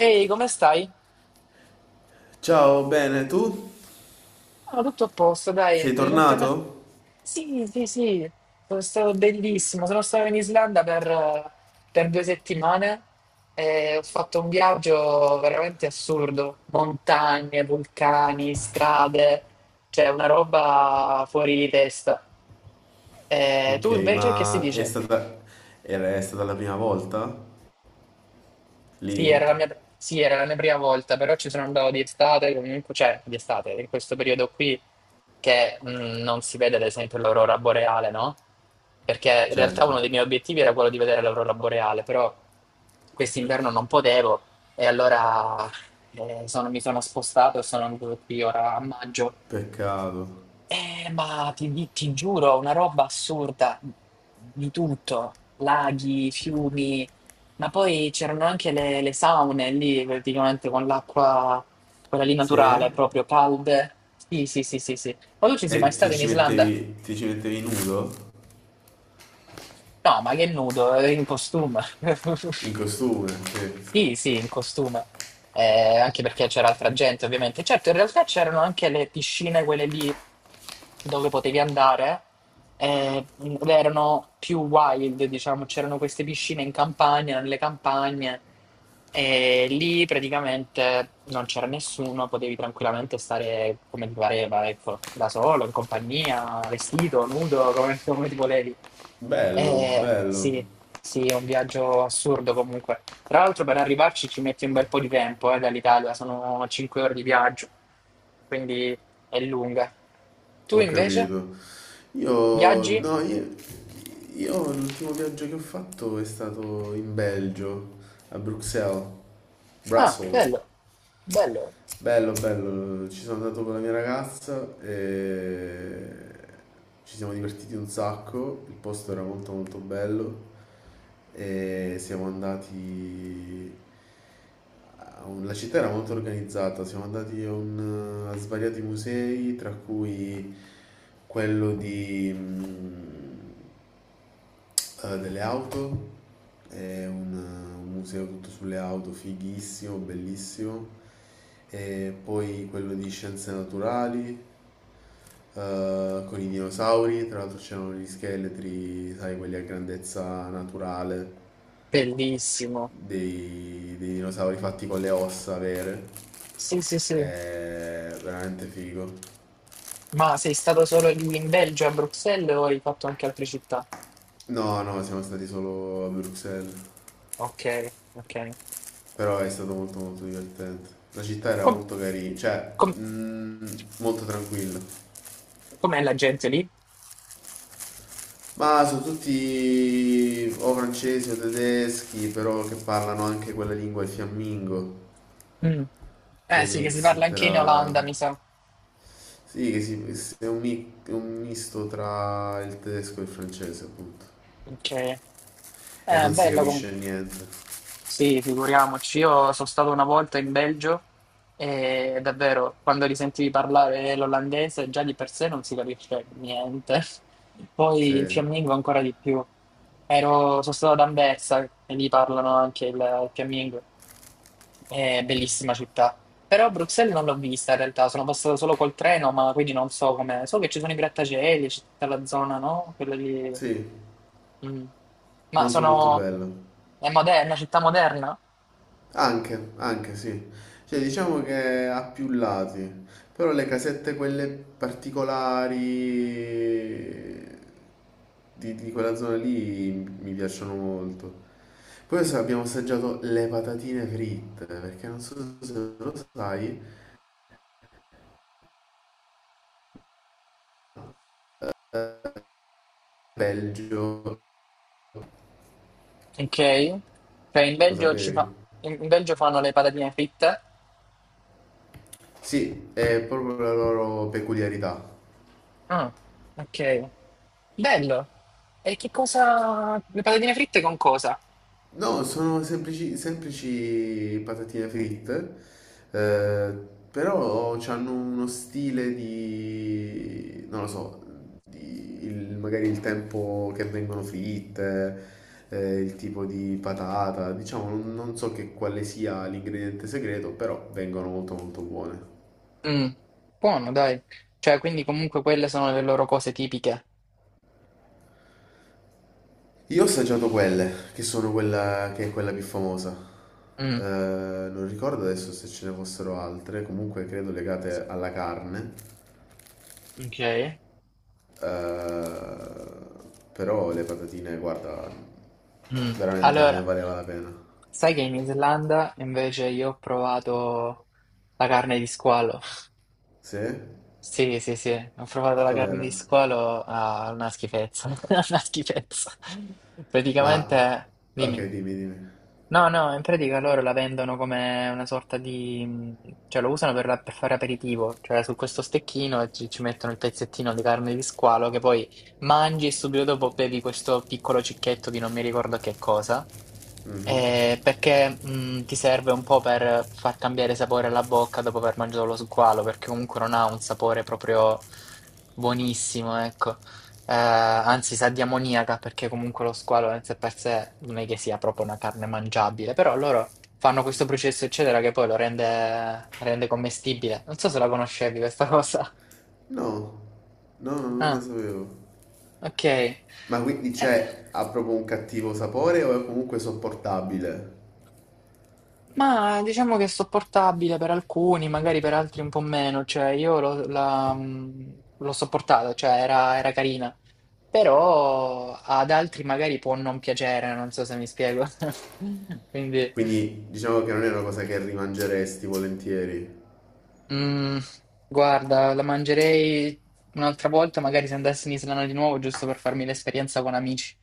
Ehi, come stai? Ciao, bene, tu? Ah, tutto a posto, dai, Sei recentemente. tornato? Sì, sì, sì, sono stato bellissimo. Sono stato in Islanda per 2 settimane e ho fatto un viaggio veramente assurdo. Montagne, vulcani, strade, cioè una roba fuori di testa. E Ok, tu invece che si ma è dice? stata... è stata la prima volta? Sì, Lì? era la mia, sì, era la mia prima volta, però ci sono andato di estate, comunque, cioè di estate, in questo periodo qui che non si vede ad esempio l'aurora boreale, no? Perché in realtà uno Certo. dei miei obiettivi era quello di vedere l'aurora boreale, però quest'inverno non potevo e allora mi sono spostato e sono venuto qui ora a maggio, Peccato. Ma ti giuro, una roba assurda di tutto, laghi, fiumi, ma poi c'erano anche le saune lì, praticamente con l'acqua, quella lì naturale, Sì? proprio calde. Sì, sì, sì, sì, sì. Ma tu ci sei mai E ti stato in ci Islanda? mettevi, ti ci mettevi nudo? No, ma che nudo, in costume. In costume? Sì. Sì, sì, in costume. Anche perché c'era altra gente, ovviamente. Certo, in realtà c'erano anche le piscine, quelle lì dove potevi andare, ed erano più wild, diciamo. C'erano queste piscine in campagna, nelle campagne, e lì praticamente non c'era nessuno, potevi tranquillamente stare come ti pareva, ecco, da solo, in compagnia, vestito, nudo, come ti volevi. Bello, bello. Sì, sì, è un viaggio assurdo comunque. Tra l'altro per arrivarci ci metti un bel po' di tempo, dall'Italia, sono 5 ore di viaggio, quindi è lunga. Tu Ho invece capito. Io... viaggi? no, io... Io l'ultimo viaggio che ho fatto è stato in Belgio, a Bruxelles, Ah, Brussels. bello, bello, Bello, bello, ci sono andato con la mia ragazza e ci siamo divertiti un sacco, il posto era molto molto bello e siamo andati... La città era molto organizzata, siamo andati a svariati musei, tra cui quello di... delle auto, è un museo tutto sulle auto, fighissimo, bellissimo. E poi quello di scienze naturali, con i dinosauri, tra l'altro c'erano gli scheletri, sai, quelli a grandezza naturale, bellissimo. dei, dei dinosauri fatti con le ossa vere. Sì, sì, sì. È veramente figo. Ma sei stato solo lì in Belgio, a Bruxelles, o hai fatto anche altre città? No, no, siamo stati solo a Bruxelles. Ok, ok. Però è stato molto molto divertente. La città era Com- molto carina, cioè com- mm, molto tranquilla. com'è la gente lì? Ma sono tutti o francesi o tedeschi, però che parlano anche quella lingua, il fiammingo, Mm. che è Eh un sì, che si parla mix anche in Olanda, tra... mi sa. Sì, è è un misto tra il tedesco e il francese, appunto. Ok. E non si Bella capisce comunque. niente. Sì, figuriamoci, io sono stato una volta in Belgio e davvero quando li sentivi parlare l'olandese già di per sé non si capisce niente, poi il Sì, fiammingo ancora di più. Sono stato ad Anversa e lì parlano anche il fiammingo, è bellissima città. Però Bruxelles non l'ho vista in realtà, sono passato solo col treno, ma quindi non so come. So che ci sono i grattacieli, c'è tutta la zona, no? Quella lì. sì, Mm. Ma molto molto sono... bello. è moderna, è una città moderna? Anche, anche sì. Cioè, diciamo che ha più lati, però le casette quelle particolari di quella zona lì mi piacciono molto. Poi adesso abbiamo assaggiato le patatine fritte, perché non so se lo sai, eh, Belgio, Ok? Cioè in lo Belgio, ci fa... sapevi? in in Belgio fanno le patatine fritte? Sì, è proprio la loro peculiarità. Ah, ok. Bello. Le patatine fritte con cosa? No, sono semplici, semplici patatine fritte, eh, però hanno uno stile di, non lo so, magari il tempo che vengono fritte, il tipo di patata, diciamo, non so che quale sia l'ingrediente segreto, però vengono molto molto buone. Mm, Buono, dai. Cioè, quindi comunque quelle sono le loro cose tipiche. Io ho assaggiato quelle, che sono quella che è quella più famosa. Mm, Non ricordo adesso se ce ne fossero altre, comunque credo legate alla carne. ok. Eh, però le patatine, guarda, Mm. veramente ne Allora, valeva la pena. sai che in Islanda invece io ho provato la carne di squalo. Sì? E Sì, sì, sì, ho provato la carne com'era? di squalo, ah, una schifezza, una schifezza. Ma... Praticamente, Ok, dimmi. dimmi, dimmi. No, no, in pratica loro la vendono come una sorta di, cioè lo usano per fare aperitivo, cioè su questo stecchino ci mettono il pezzettino di carne di squalo che poi mangi e subito dopo bevi questo piccolo cicchetto di non mi ricordo che cosa, Mhm. Perché ti serve un po' per far cambiare sapore alla bocca dopo aver mangiato lo squalo, perché comunque non ha un sapore proprio buonissimo, ecco. Anzi, sa di ammoniaca perché comunque lo squalo in sé per sé non è che sia proprio una carne mangiabile, però loro fanno questo processo, eccetera, che poi lo rende commestibile. Non so se la conoscevi questa cosa. No, no, no, non lo Ah, sapevo. ok. Ma quindi ha proprio un cattivo sapore o è comunque sopportabile? Ma diciamo che è sopportabile per alcuni, magari per altri un po' meno, cioè io l'ho sopportata, cioè era carina, però ad altri magari può non piacere, non so se mi spiego. Quindi. Quindi diciamo che non è una cosa che rimangeresti volentieri. Mm, Guarda, la mangerei un'altra volta, magari se andassi in Islanda di nuovo, giusto per farmi l'esperienza con amici.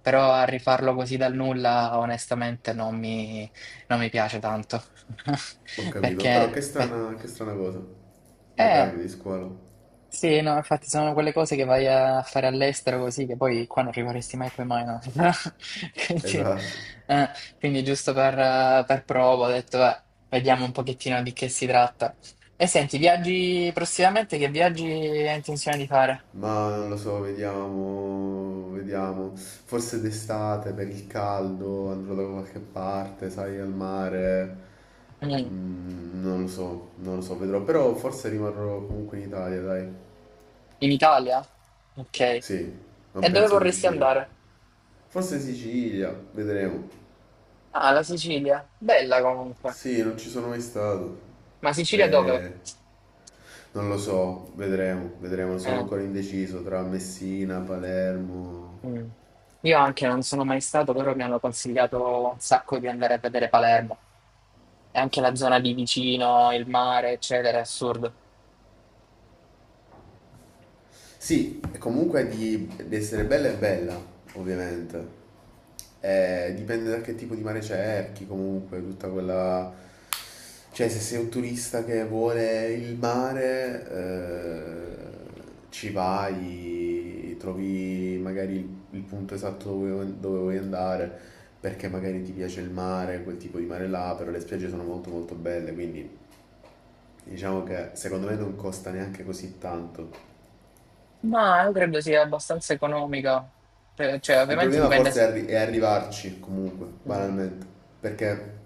Però a rifarlo così dal nulla, onestamente, non mi piace tanto. Ho capito, però Perché, che strana cosa. La eh, carne di squalo. sì, no, infatti sono quelle cose che vai a fare all'estero così, che poi qua non rimarresti mai, poi mai, no? Quindi, Esatto. eh, quindi giusto per prova ho detto, "Beh, vediamo un pochettino di che si tratta. E senti, viaggi prossimamente, che viaggi hai intenzione di fare? Ma non lo so, vediamo, vediamo. Forse d'estate per il caldo andrò da qualche parte, sai, al mare. Mm, Mm, non lo so, non lo so, vedrò. Però forse rimarrò comunque in Italia, dai. In Italia? Ok. Sì, non E dove penso di vorresti uscire. andare? Forse Sicilia, vedremo. Ah, la Sicilia. Bella comunque. Sì, non ci sono mai stato. Ma Sicilia dove? Eh, non lo so, vedremo, vedremo. Sono Eh. ancora indeciso tra Messina, Palermo. Mm. Io anche non sono mai stato, però mi hanno consigliato un sacco di andare a vedere Palermo e anche la zona di vicino, il mare, eccetera, è assurdo. Sì, e comunque di essere bella è bella, ovviamente. Dipende da che tipo di mare cerchi, comunque, tutta quella... Cioè, se sei un turista che vuole il mare, ci vai, trovi magari il punto esatto dove, dove vuoi andare, perché magari ti piace il mare, quel tipo di mare là, però le spiagge sono molto molto belle, quindi diciamo che secondo me non costa neanche così tanto. Ma io credo sia abbastanza economica. Cioè Il ovviamente problema dipende. forse è arrivarci comunque, Mm. banalmente, perché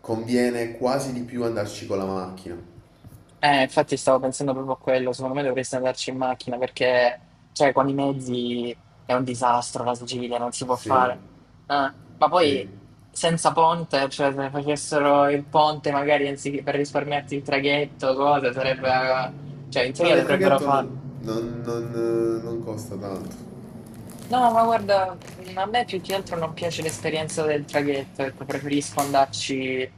conviene quasi di più andarci con la macchina. Infatti stavo pensando proprio a quello, secondo me dovresti andarci in macchina perché, cioè, con i mezzi è un disastro la Sicilia, non si può fare. Sì, Ma poi sì. senza ponte, cioè se facessero il ponte magari anziché per risparmiarti il traghetto, cose, sarebbe. Cioè in Ah, teoria ma il dovrebbero traghetto fare. Non costa tanto. No, ma guarda, a me più che altro non piace l'esperienza del traghetto, ecco, preferisco andarci.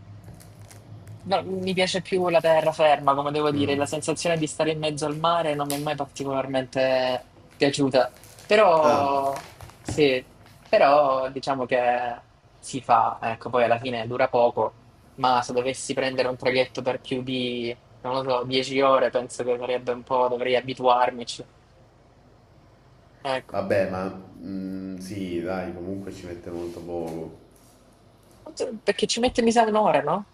No, mi piace più la terraferma, come devo dire, Mm. la sensazione di stare in mezzo al mare non mi è mai particolarmente piaciuta. Ah, Però sì, però diciamo che si fa, ecco, poi alla fine dura poco, ma se dovessi prendere un traghetto per più di, non lo so, 10 ore, penso che sarebbe un po', dovrei abituarmici. Ecco, vabbè, sì, dai, comunque ci mette molto poco. perché ci mette mi sa un'ora, no?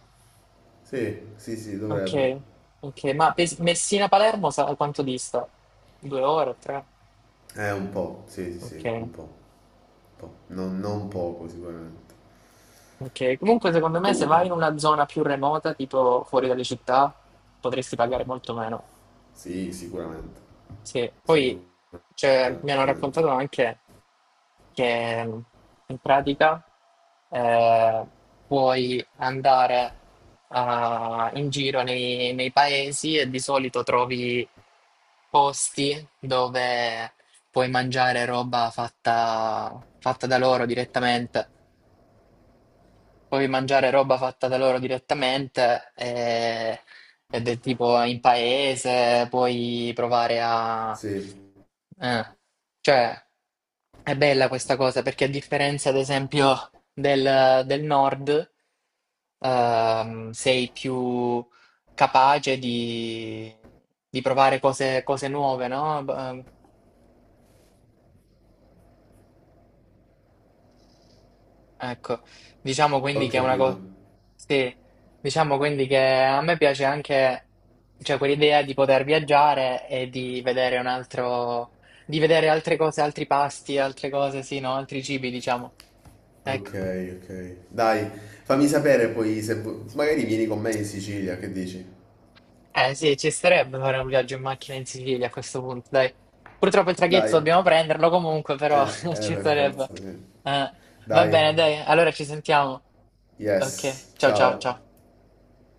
Sì, sì, sì, Ok, dovrebbe. ok, ma Messina-Palermo sa quanto dista? 2 ore, tre? Un po', sì, sì, Ok. sì, un po'. Un po'. Non, non poco sicuramente. Ok, comunque secondo me se Comunque, vai in una zona più remota, tipo fuori dalle città, potresti pagare molto meno. sì, sicuramente. Sì, poi Sicuramente. cioè, mi hanno raccontato anche che in pratica eh, puoi andare in giro nei paesi e di solito trovi posti dove puoi mangiare roba fatta, fatta da loro direttamente. Puoi mangiare roba fatta da loro direttamente Ed è tipo in paese, Sì. eh, cioè, è bella questa cosa perché a differenza, ad esempio, del nord, sei più capace di provare cose nuove, no? Ecco, diciamo Ho quindi che è una capito. cosa, sì, diciamo quindi che a me piace anche, cioè quell'idea di poter viaggiare e di vedere altre cose, altri pasti, altre cose, sì, no, altri cibi, diciamo. Ecco, Ok, ok. Dai, fammi sapere poi se magari vieni con me in Sicilia, che dici? eh sì, ci starebbe fare un viaggio in macchina in Sicilia a questo punto, dai. Purtroppo il traghetto Dai. dobbiamo prenderlo comunque, però ci Per starebbe. forza, sì. Eh, va Dai. bene, dai, allora ci sentiamo. Ok, Yes. ciao ciao Ciao. ciao.